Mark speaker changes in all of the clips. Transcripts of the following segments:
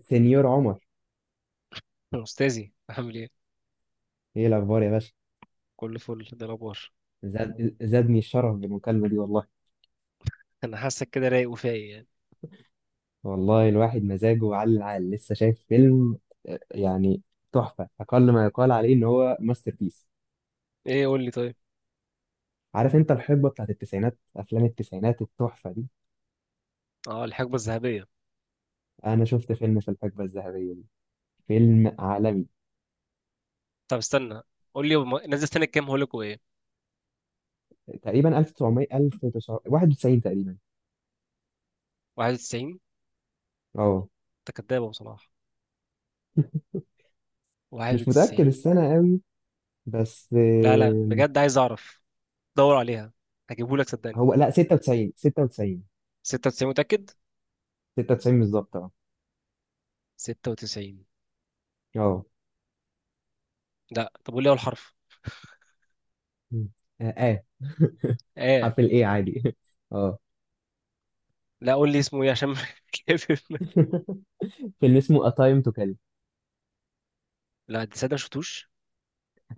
Speaker 1: سنيور عمر،
Speaker 2: أستاذي عامل إيه؟
Speaker 1: ايه الاخبار يا باشا؟
Speaker 2: كل فل ده الأخبار.
Speaker 1: زادني الشرف بالمكالمه دي والله.
Speaker 2: أنا حاسك كده رايق وفايق يعني.
Speaker 1: والله الواحد مزاجه على العال، لسه شايف فيلم آه، يعني تحفه، اقل ما يقال عليه ان هو ماستر بيس.
Speaker 2: إيه قول لي طيب؟
Speaker 1: عارف انت الحقبه بتاعت التسعينات، افلام التسعينات التحفه دي،
Speaker 2: أه، الحقبة الذهبية.
Speaker 1: انا شفت فيلم في الحقبه الذهبيه دي، فيلم عالمي.
Speaker 2: طب استنى، قول لي نزل سنة كام هقول لك وإيه؟
Speaker 1: تقريبا 1900 1991 تقريبا.
Speaker 2: 91.
Speaker 1: اه
Speaker 2: أنت كداب يا أبو صلاح.
Speaker 1: مش متاكد
Speaker 2: 91.
Speaker 1: السنه قوي، بس
Speaker 2: لا لا،
Speaker 1: آه،
Speaker 2: بجد عايز أعرف. دور عليها، هجيبه لك صدقني.
Speaker 1: هو لا 96. 96.
Speaker 2: 96 متأكد؟
Speaker 1: 96 بالظبط، اه.
Speaker 2: 96.
Speaker 1: اه.
Speaker 2: لا، طب قول لي أول حرف.
Speaker 1: مم. اه. آه.
Speaker 2: آه.
Speaker 1: حرف الايه عادي. اه.
Speaker 2: لا، قول لي اسمه إيه عشان كيف.
Speaker 1: فيلم اسمه A Time to Kill.
Speaker 2: لا دي صدق ما شفتوش.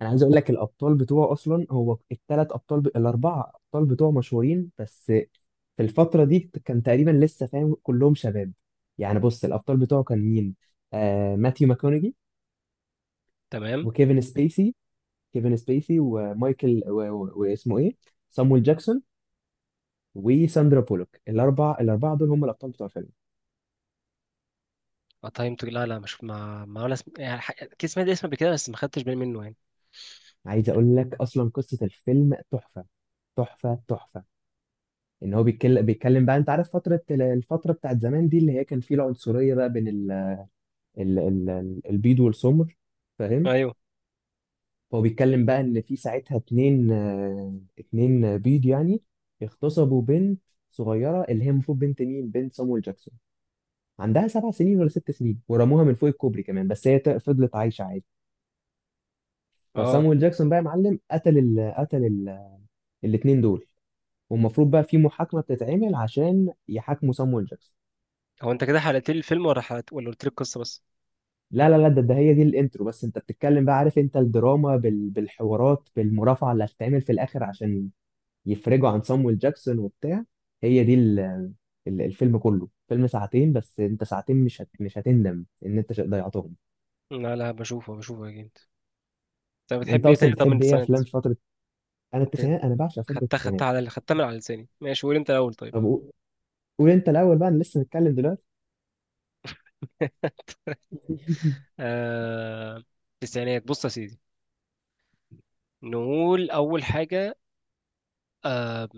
Speaker 1: انا عايز اقول لك الابطال بتوعه اصلا، هو الاربعه ابطال بتوعه مشهورين، بس في الفتره دي كان تقريبا لسه فاهم كلهم شباب. يعني بص، الابطال بتوعه كان مين؟ ماثيو ماكونيجي،
Speaker 2: تمام.
Speaker 1: وكيفن سبيسي. كيفن سبيسي ومايكل و... و... واسمه ايه، سامويل جاكسون، وساندرا بولوك. الاربعه دول هم الابطال بتوع الفيلم.
Speaker 2: اه، تايم تو، لا لا مش ما ولا اسم، يعني كان سمعت اسمه قبل كده بس ما خدتش بالي منه يعني.
Speaker 1: عايز اقول لك اصلا قصه الفيلم تحفه، تحفه تحفه. ان هو بيتكلم بقى، انت عارف فتره الفتره بتاعت زمان دي اللي هي كان فيه العنصريه بقى بين البيض والسمر، فاهم؟
Speaker 2: ايوه.
Speaker 1: هو بيتكلم بقى ان في ساعتها اتنين، اتنين بيض يعني، اغتصبوا بنت صغيره اللي هي المفروض بنت مين، بنت صامويل جاكسون، عندها سبع سنين ولا ست سنين، ورموها من فوق الكوبري كمان، بس هي فضلت عايشه عادي.
Speaker 2: اه،
Speaker 1: فصامويل جاكسون بقى يا معلم قتل ال الاتنين دول. والمفروض بقى في محاكمه بتتعمل عشان يحاكموا صامويل جاكسون.
Speaker 2: هو انت كده حلقت لي الفيلم ولا حلقت ولا قلت لي القصه بس؟
Speaker 1: لا لا لا ده, ده هي دي الانترو بس. انت بتتكلم بقى، عارف انت الدراما بالحوارات، بالمرافعه اللي هتتعمل في الاخر عشان يفرجوا عن صامويل جاكسون وبتاع. هي دي ال... ال- الفيلم كله فيلم ساعتين، بس انت ساعتين مش هتندم ان انت ضيعتهم.
Speaker 2: لا لا، بشوفه بشوفه اكيد. انت
Speaker 1: انت
Speaker 2: بتحب ايه تاني
Speaker 1: اصلا
Speaker 2: طب من
Speaker 1: بتحب ايه
Speaker 2: التسعينات؟
Speaker 1: افلام في فتره؟ انا
Speaker 2: انت
Speaker 1: التسعينات، انا بعشق فتره
Speaker 2: خدتها
Speaker 1: التسعينات.
Speaker 2: خدتها على خدتها من على لساني، ماشي قول انت الاول طيب.
Speaker 1: طب قو- قول انت الاول بقى، انا لسه متكلم دلوقتي.
Speaker 2: آه... التسعينات بص يا سيدي، نقول اول حاجه، آه...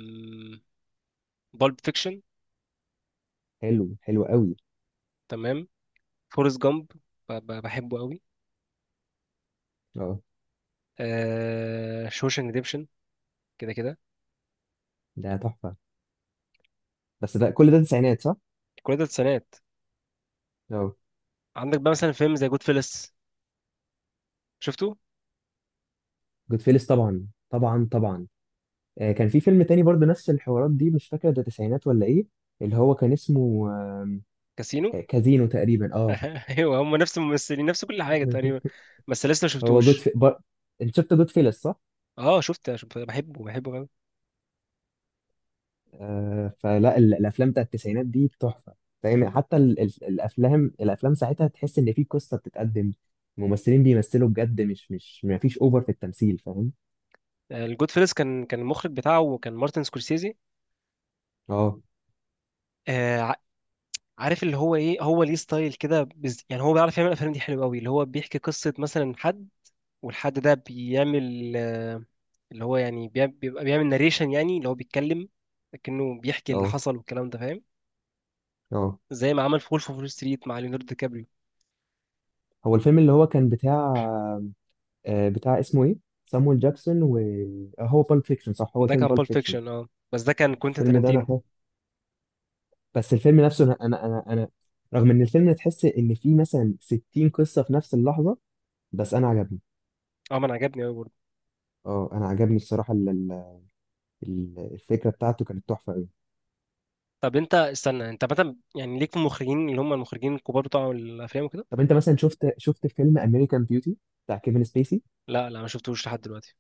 Speaker 2: بالب فيكشن.
Speaker 1: حلو، حلو قوي.
Speaker 2: تمام. فورست جامب، بحبه قوي.
Speaker 1: اه
Speaker 2: شوشنج ريديمشن. كده كده،
Speaker 1: ده تحفه. بس ده كل ده تسعينات صح؟
Speaker 2: كل ده التسعينات.
Speaker 1: اه.
Speaker 2: عندك بقى مثلا فيلم زي جود فيلس شفته.
Speaker 1: جود فيلس طبعا طبعا طبعا. كان في فيلم تاني برضه نفس الحوارات دي، مش فاكر ده تسعينات ولا ايه، اللي هو كان اسمه
Speaker 2: كاسينو.
Speaker 1: كازينو تقريبا، اه.
Speaker 2: ايوه هم نفس الممثلين نفس كل حاجه تقريبا، بس لسه ما
Speaker 1: هو جود
Speaker 2: شفتوش.
Speaker 1: في... بر... انت شفت جود فيلس صح؟
Speaker 2: اه شفت شفت بحبه بحبه قوي.
Speaker 1: فلا الافلام بتاعت التسعينات دي تحفه، فاهم؟ حتى ال... ال... الافلام الافلام ساعتها تحس ان في قصه بتتقدم، الممثلين بيمثلوا بجد، مش مش ما فيش اوفر في التمثيل، فاهم؟
Speaker 2: الجود فيلس كان المخرج بتاعه كان مارتن سكورسيزي.
Speaker 1: اه.
Speaker 2: آه ع- عارف اللي هو ايه، هو ليه ستايل كده يعني هو بيعرف يعمل الافلام دي حلو قوي، اللي هو بيحكي قصه مثلا حد، والحد ده بيعمل، اللي هو يعني بيبقى بيعمل ناريشن، يعني اللي هو بيتكلم لكنه بيحكي اللي
Speaker 1: اه.
Speaker 2: حصل والكلام ده فاهم.
Speaker 1: اه.
Speaker 2: زي ما عمل في وولف اوف وول ستريت مع ليوناردو دي كابريو.
Speaker 1: هو الفيلم اللي هو كان بتاع بتاع اسمه ايه، سامويل جاكسون و هو بالب فيكشن صح، هو
Speaker 2: ده
Speaker 1: فيلم
Speaker 2: كان
Speaker 1: بالب
Speaker 2: بول
Speaker 1: فيكشن.
Speaker 2: فيكشن، اه، بس ده كان كوينتين
Speaker 1: الفيلم ده انا،
Speaker 2: تارانتينو.
Speaker 1: بس الفيلم نفسه أنا رغم ان الفيلم تحس ان فيه مثلا 60 قصة في نفس اللحظة، بس انا عجبني.
Speaker 2: اه ما انا عجبني قوي.
Speaker 1: اه انا عجبني الصراحة، الفكرة بتاعته كانت تحفة قوي.
Speaker 2: طب انت استنى، انت مثلا يعني ليك في المخرجين اللي هم المخرجين الكبار بتوع الافلام وكده؟
Speaker 1: طب انت مثلا شفت فيلم امريكان بيوتي، بتاع كيفن سبيسي.
Speaker 2: لا لا ما شفتوش لحد دلوقتي،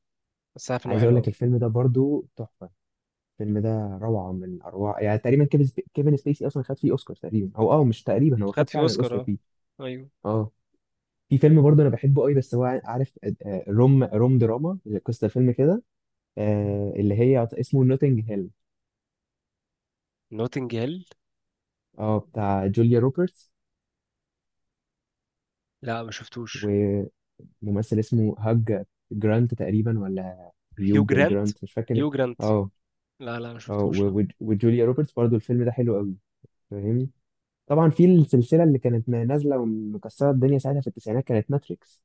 Speaker 2: بس عارف ان هو
Speaker 1: عايز
Speaker 2: حلو
Speaker 1: اقول لك
Speaker 2: قوي.
Speaker 1: الفيلم ده برضو تحفة. الفيلم ده روعة من اروع، يعني تقريبا كيفن سبيسي اصلا خد فيه اوسكار تقريبا، او اه مش تقريبا، هو خد
Speaker 2: خد فيه
Speaker 1: فعلا
Speaker 2: اوسكار،
Speaker 1: الاوسكار
Speaker 2: اه.
Speaker 1: فيه.
Speaker 2: ايوه.
Speaker 1: اه. في فيلم برضه انا بحبه قوي، بس هو عارف، روم دراما. قصة الفيلم كده، اللي هي اسمه نوتنج هيل.
Speaker 2: نوتنج هيل.
Speaker 1: اه بتاع جوليا روبرتس،
Speaker 2: لا ما شفتوش.
Speaker 1: وممثل اسمه هاج جرانت تقريبا، ولا
Speaker 2: هيو
Speaker 1: هيوج
Speaker 2: جرانت،
Speaker 1: جرانت مش فاكر.
Speaker 2: هيو جرانت.
Speaker 1: اه.
Speaker 2: لا لا ما
Speaker 1: اه
Speaker 2: شفتوش لا.
Speaker 1: و- و- وجوليا روبرتس برضو، الفيلم ده حلو قوي، فاهمني؟ طبعا في السلسله اللي كانت نازله ومكسره الدنيا ساعتها في التسعينات، كانت ماتريكس.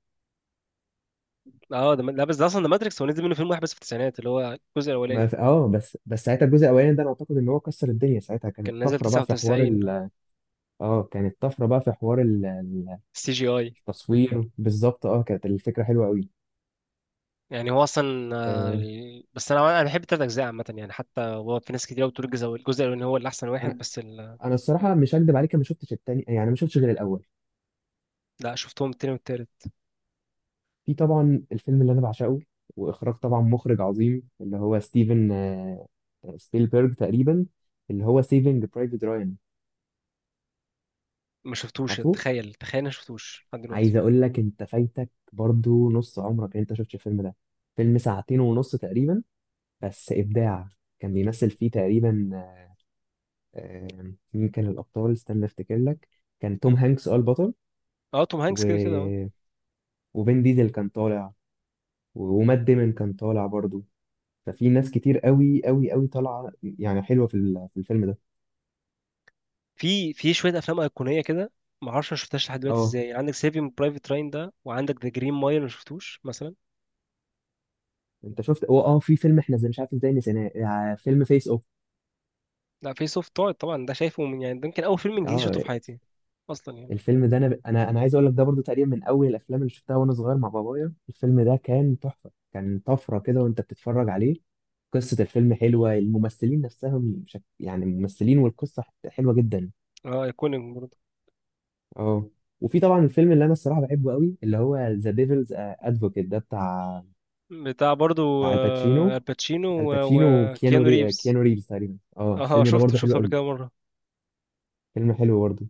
Speaker 2: اه ده، لا بس ده اصلا ده ماتريكس، هو نزل منه فيلم واحد بس في التسعينات اللي هو الجزء
Speaker 1: ما
Speaker 2: الاولاني.
Speaker 1: ف... اه بس ساعتها الجزء الاولاني ده انا اعتقد ان هو كسر الدنيا، ساعتها كانت
Speaker 2: كان نازل
Speaker 1: طفره بقى في حوار
Speaker 2: 99.
Speaker 1: اه كانت طفره بقى في حوار
Speaker 2: سي جي اي.
Speaker 1: التصوير، بالظبط. اه كانت الفكره حلوه قوي.
Speaker 2: يعني هو اصلا،
Speaker 1: آه،
Speaker 2: بس انا بحب التلات اجزاء عامه يعني، حتى هو في ناس كتير بتقول الجزء الاولاني هو اللي احسن واحد
Speaker 1: انا،
Speaker 2: بس
Speaker 1: الصراحه مش هكدب عليك، أنا ما شفتش التاني، يعني ما شفتش غير الاول.
Speaker 2: لا شفتهم التاني والتالت.
Speaker 1: في طبعا الفيلم اللي انا بعشقه، واخراج طبعا مخرج عظيم اللي هو ستيفن، سبيلبرج تقريبا، اللي هو سيفنج برايفت رايان.
Speaker 2: ما شفتوش،
Speaker 1: عارفه،
Speaker 2: تخيل تخيل انا ما شفتوش لحد دلوقتي.
Speaker 1: عايز اقول لك انت فايتك برضو نص عمرك إن انت شفتش الفيلم ده. فيلم ساعتين ونص تقريبا، بس ابداع. كان بيمثل فيه تقريبا، مين كان الابطال، استنى افتكر لك. كان توم هانكس اه البطل،
Speaker 2: اه، توم هانكس
Speaker 1: و...
Speaker 2: كده كده اه.
Speaker 1: وفين ديزل كان طالع، ومات ديمون كان طالع برضو. ففي ناس كتير قوي قوي قوي طالعه يعني، حلوه في في الفيلم ده.
Speaker 2: في شويه افلام ايقونيه كده، ما اعرفش ما شفتهاش لحد دلوقتي،
Speaker 1: اه.
Speaker 2: ازاي عندك سيفينج برايفت راين ده وعندك ذا جرين مايل ما شفتوش مثلا.
Speaker 1: انت شفت هو، اه في فيلم احنا زي مش عارف ازاي نسيناه، فيلم فيس اوف.
Speaker 2: لا، فيس اوف تقعد طبعا، ده شايفه من يعني، ده يمكن اول فيلم انجليزي شفته
Speaker 1: اه
Speaker 2: في حياتي اصلا يعني.
Speaker 1: الفيلم ده انا انا انا عايز اقول لك ده برضو تقريبا من اول الافلام اللي شفتها وانا صغير مع بابايا، الفيلم ده كان تحفه، كان طفره كده وانت بتتفرج عليه. قصه الفيلم حلوه، الممثلين نفسهم يعني الممثلين والقصه حلوه جدا.
Speaker 2: اه ايكونيك برضه.
Speaker 1: اه. وفي طبعا الفيلم اللي انا الصراحه بحبه قوي، اللي هو ذا ديفلز ادفوكيت ده بتاع،
Speaker 2: بتاع برضه،
Speaker 1: بتاع الباتشينو.
Speaker 2: الباتشينو و-
Speaker 1: الباتشينو
Speaker 2: وكيانو ريفز.
Speaker 1: كيانو ريفز تقريبا، اه.
Speaker 2: اه
Speaker 1: الفيلم ده
Speaker 2: شفته
Speaker 1: برضه حلو
Speaker 2: شفته قبل
Speaker 1: قوي.
Speaker 2: كده مره.
Speaker 1: فيلم حلو برضه.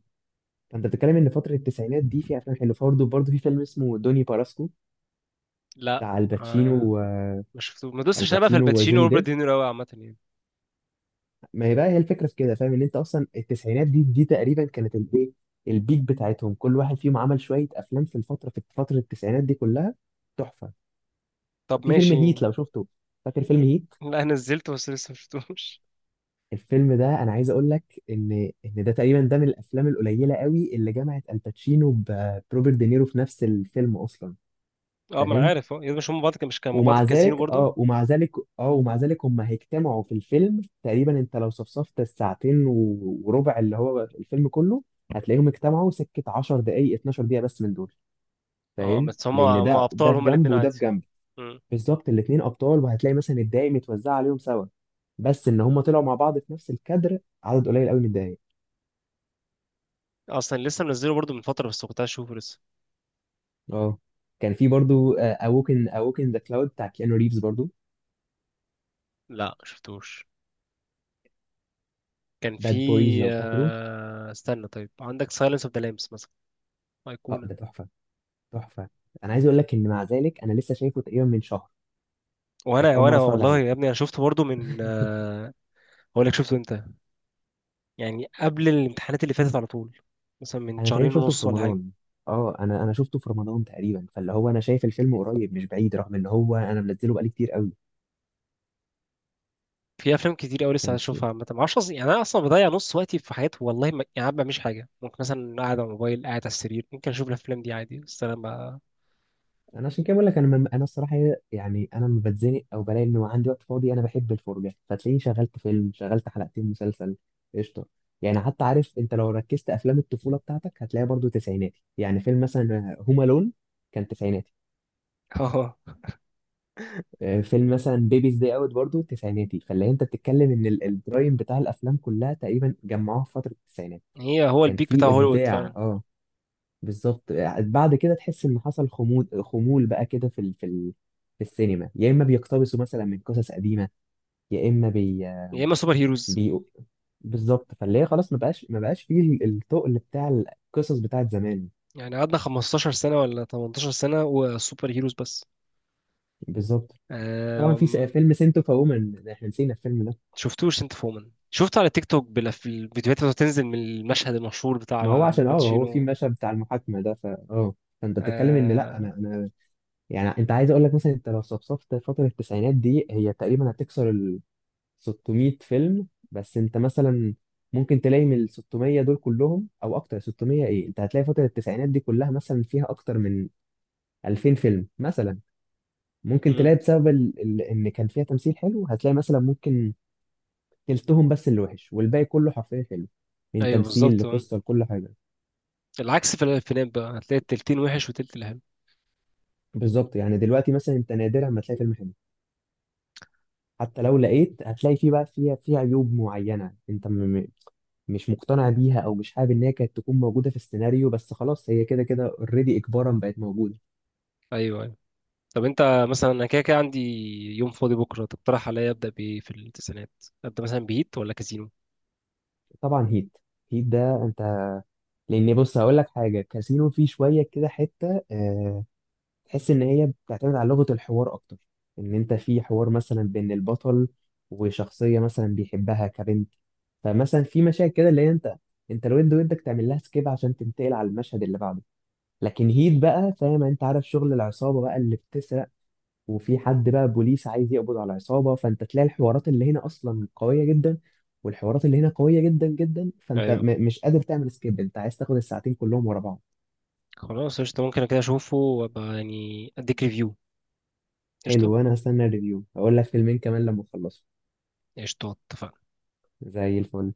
Speaker 1: فانت بتتكلم ان فتره التسعينات دي في افلام حلوه. برضه في فيلم اسمه دوني باراسكو،
Speaker 2: لا
Speaker 1: بتاع
Speaker 2: ما
Speaker 1: الباتشينو
Speaker 2: ما شفته ما دوستش، انا بقى في
Speaker 1: الباتشينو
Speaker 2: الباتشينو
Speaker 1: وجوني
Speaker 2: وروبرت
Speaker 1: ديب.
Speaker 2: دينيرو قوي عامه يعني.
Speaker 1: ما هي بقى هي الفكره في كده، فاهم؟ ان انت اصلا التسعينات دي تقريبا كانت الايه، البيك بتاعتهم، كل واحد فيهم عمل شويه افلام في الفتره، في فتره التسعينات دي كلها تحفه.
Speaker 2: طب
Speaker 1: في فيلم
Speaker 2: ماشي.
Speaker 1: هيت لو شفته، فاكر فيلم هيت؟
Speaker 2: لا أنا نزلته بس لسه ما شفتوش.
Speaker 1: الفيلم ده انا عايز اقول لك ان ان ده تقريبا ده من الافلام القليله قوي اللي جمعت الباتشينو ب- بروبرت دينيرو في نفس الفيلم اصلا،
Speaker 2: اه ما انا
Speaker 1: فاهم؟
Speaker 2: عارف، اه، يا مش هم بعض مش كانوا مع بعض
Speaker 1: ومع
Speaker 2: في كازينو
Speaker 1: ذلك،
Speaker 2: برضو.
Speaker 1: اه ومع ذلك، اه ومع ذلك هم هيجتمعوا في الفيلم تقريبا. انت لو صفصفت الساعتين وربع اللي هو الفيلم كله، هتلاقيهم اجتمعوا سكه 10 دقائق، 12 دقيقه بس من دول.
Speaker 2: اه
Speaker 1: فاهم؟
Speaker 2: بس هم
Speaker 1: لان
Speaker 2: هم
Speaker 1: ده
Speaker 2: ابطال
Speaker 1: ده في
Speaker 2: هم
Speaker 1: جنب
Speaker 2: الاثنين
Speaker 1: وده في
Speaker 2: عادي.
Speaker 1: جنب.
Speaker 2: مم.
Speaker 1: بالظبط، الاتنين ابطال، وهتلاقي مثلا الدقايق متوزعه عليهم سوا، بس ان هم طلعوا مع بعض في نفس الكادر عدد قليل قوي من الدقايق.
Speaker 2: اصلا لسه منزله برضو من فتره بس كنت عايز اشوفه لسه.
Speaker 1: اه. كان في برضو اوكن ذا كلاود بتاع كيانو ريفز برضو.
Speaker 2: لا شفتوش. كان في
Speaker 1: باد بويز لو فاكره.
Speaker 2: استنى طيب عندك سايلنس اوف ذا لامبس مثلا؟
Speaker 1: اه
Speaker 2: ايقونه.
Speaker 1: ده تحفه، تحفه. انا عايز اقول لك ان مع ذلك انا لسه شايفه تقريبا من شهر، كانت
Speaker 2: وانا
Speaker 1: اول مره
Speaker 2: وانا
Speaker 1: اتفرج
Speaker 2: والله
Speaker 1: عليه.
Speaker 2: يا ابني انا شفته برضو من هقول لك شفته امتى. يعني قبل الامتحانات اللي فاتت على طول، مثلا من
Speaker 1: انا تقريبا
Speaker 2: شهرين
Speaker 1: شفته في
Speaker 2: ونص ولا حاجه.
Speaker 1: رمضان. اه انا شفته في رمضان تقريبا، فاللي هو انا شايف الفيلم قريب مش بعيد، رغم ان هو انا منزله بقالي كتير قوي.
Speaker 2: في افلام كتير قوي لسه
Speaker 1: كان،
Speaker 2: هشوفها عامه، ما اعرفش يعني انا اصلا بضيع نص وقتي في حاجات، والله ما... يعني ما بعملش حاجه، ممكن مثلا قاعد على الموبايل قاعد على السرير ممكن اشوف الافلام دي عادي بس انا ما
Speaker 1: انا عشان كده بقول لك، انا الصراحه يعني انا لما بتزنق او بلاقي انه عندي وقت فاضي، انا بحب الفرجه، فتلاقيني شغلت فيلم، شغلت حلقتين مسلسل، قشطه. يعني حتى عارف انت لو ركزت افلام الطفوله بتاعتك هتلاقيها برضو تسعيناتي، يعني فيلم مثلا هوم الون كان تسعيناتي.
Speaker 2: اه،
Speaker 1: فيلم مثلا بيبيز داي اوت برضو تسعيناتي. فاللي انت بتتكلم ان البرايم بتاع الافلام كلها تقريبا جمعوها في فتره التسعينات.
Speaker 2: هي هو
Speaker 1: كان
Speaker 2: البيك بتاع
Speaker 1: في
Speaker 2: هوليوود
Speaker 1: ابداع
Speaker 2: فعلا.
Speaker 1: اه، بالظبط. بعد كده تحس ان حصل خمول، خمول بقى كده في في السينما، يا اما بيقتبسوا مثلا من قصص قديمه، يا اما بي,
Speaker 2: يا اما سوبر هيروز.
Speaker 1: بي... بالظبط. فاللي هي خلاص ما بقاش فيه التقل بتاع القصص بتاعت زمان.
Speaker 2: يعني قعدنا 15 سنه ولا 18 سنه وسوبر هيروز بس.
Speaker 1: بالظبت. طبعا في
Speaker 2: أم...
Speaker 1: فيلم سنتو فومن، احنا نسينا الفيلم ده.
Speaker 2: شفتوش انت فومن، شفته على تيك توك الفيديوهات اللي بتنزل من المشهد المشهور
Speaker 1: ما هو
Speaker 2: بتاع
Speaker 1: عشان اه هو في
Speaker 2: الباتشينو.
Speaker 1: مشهد بتاع المحاكمه ده، فا اه فانت بتتكلم ان، لا
Speaker 2: أه...
Speaker 1: انا انا يعني انت عايز اقول لك مثلا انت لو صفصفت فتره التسعينات دي، هي تقريبا هتكسر 600 فيلم. بس انت مثلا ممكن تلاقي من ال 600 دول كلهم او اكتر، 600 ايه، انت هتلاقي فترة التسعينات دي كلها مثلا فيها اكتر من 2000 فيلم مثلا. ممكن
Speaker 2: مم.
Speaker 1: تلاقي بسبب ان كان فيها تمثيل حلو، هتلاقي مثلا ممكن تلتهم بس اللي وحش، والباقي كله حرفيا حلو، من
Speaker 2: ايوه
Speaker 1: تمثيل
Speaker 2: بالظبط، آه.
Speaker 1: لقصة لكل حاجة.
Speaker 2: العكس في الافلام بقى هتلاقي التلتين وحش وتلت الحلو.
Speaker 1: بالظبط، يعني دلوقتي مثلا انت نادرا ما تلاقي فيلم حلو. حتى لو لقيت هتلاقي فيه بقى، فيها فيه عيوب معينة انت م- مش مقتنع بيها، او مش حابب ان هي كانت تكون موجودة في السيناريو، بس خلاص هي كده كده اوريدي اجبارا بقت موجودة.
Speaker 2: ايوه أيوه. طب انت مثلا انا كده كده عندي يوم فاضي بكره، تقترح عليا ابدا بايه في التسعينات؟ ابدا مثلا بهيت ولا كازينو؟
Speaker 1: طبعا هيت. ده انت، لان بص هقول لك حاجة، كاسينو فيه شوية كده حتة تحس ان هي بتعتمد على لغة الحوار اكتر. ان انت في حوار مثلا بين البطل وشخصية مثلا بيحبها كبنت، فمثلا في مشاهد كده اللي هي انت الود ودك تعمل لها سكيب عشان تنتقل على المشهد اللي بعده. لكن هيت بقى فاهم، انت عارف شغل العصابه بقى اللي بتسرق، وفي حد بقى بوليس عايز يقبض على العصابه، فانت تلاقي الحوارات اللي هنا اصلا قويه جدا، والحوارات اللي هنا قويه جدا جدا، فانت
Speaker 2: ايوه.
Speaker 1: مش قادر تعمل سكيب، انت عايز تاخد الساعتين كلهم ورا بعض.
Speaker 2: خلاص قشطه ممكن كده اشوفه وابقى يعني اديك ريفيو. قشطه،
Speaker 1: حلو، وانا هستنى الريفيو، هقول لك فيلمين كمان لما اخلصهم.
Speaker 2: قشطه اتفقنا.
Speaker 1: زي الفل.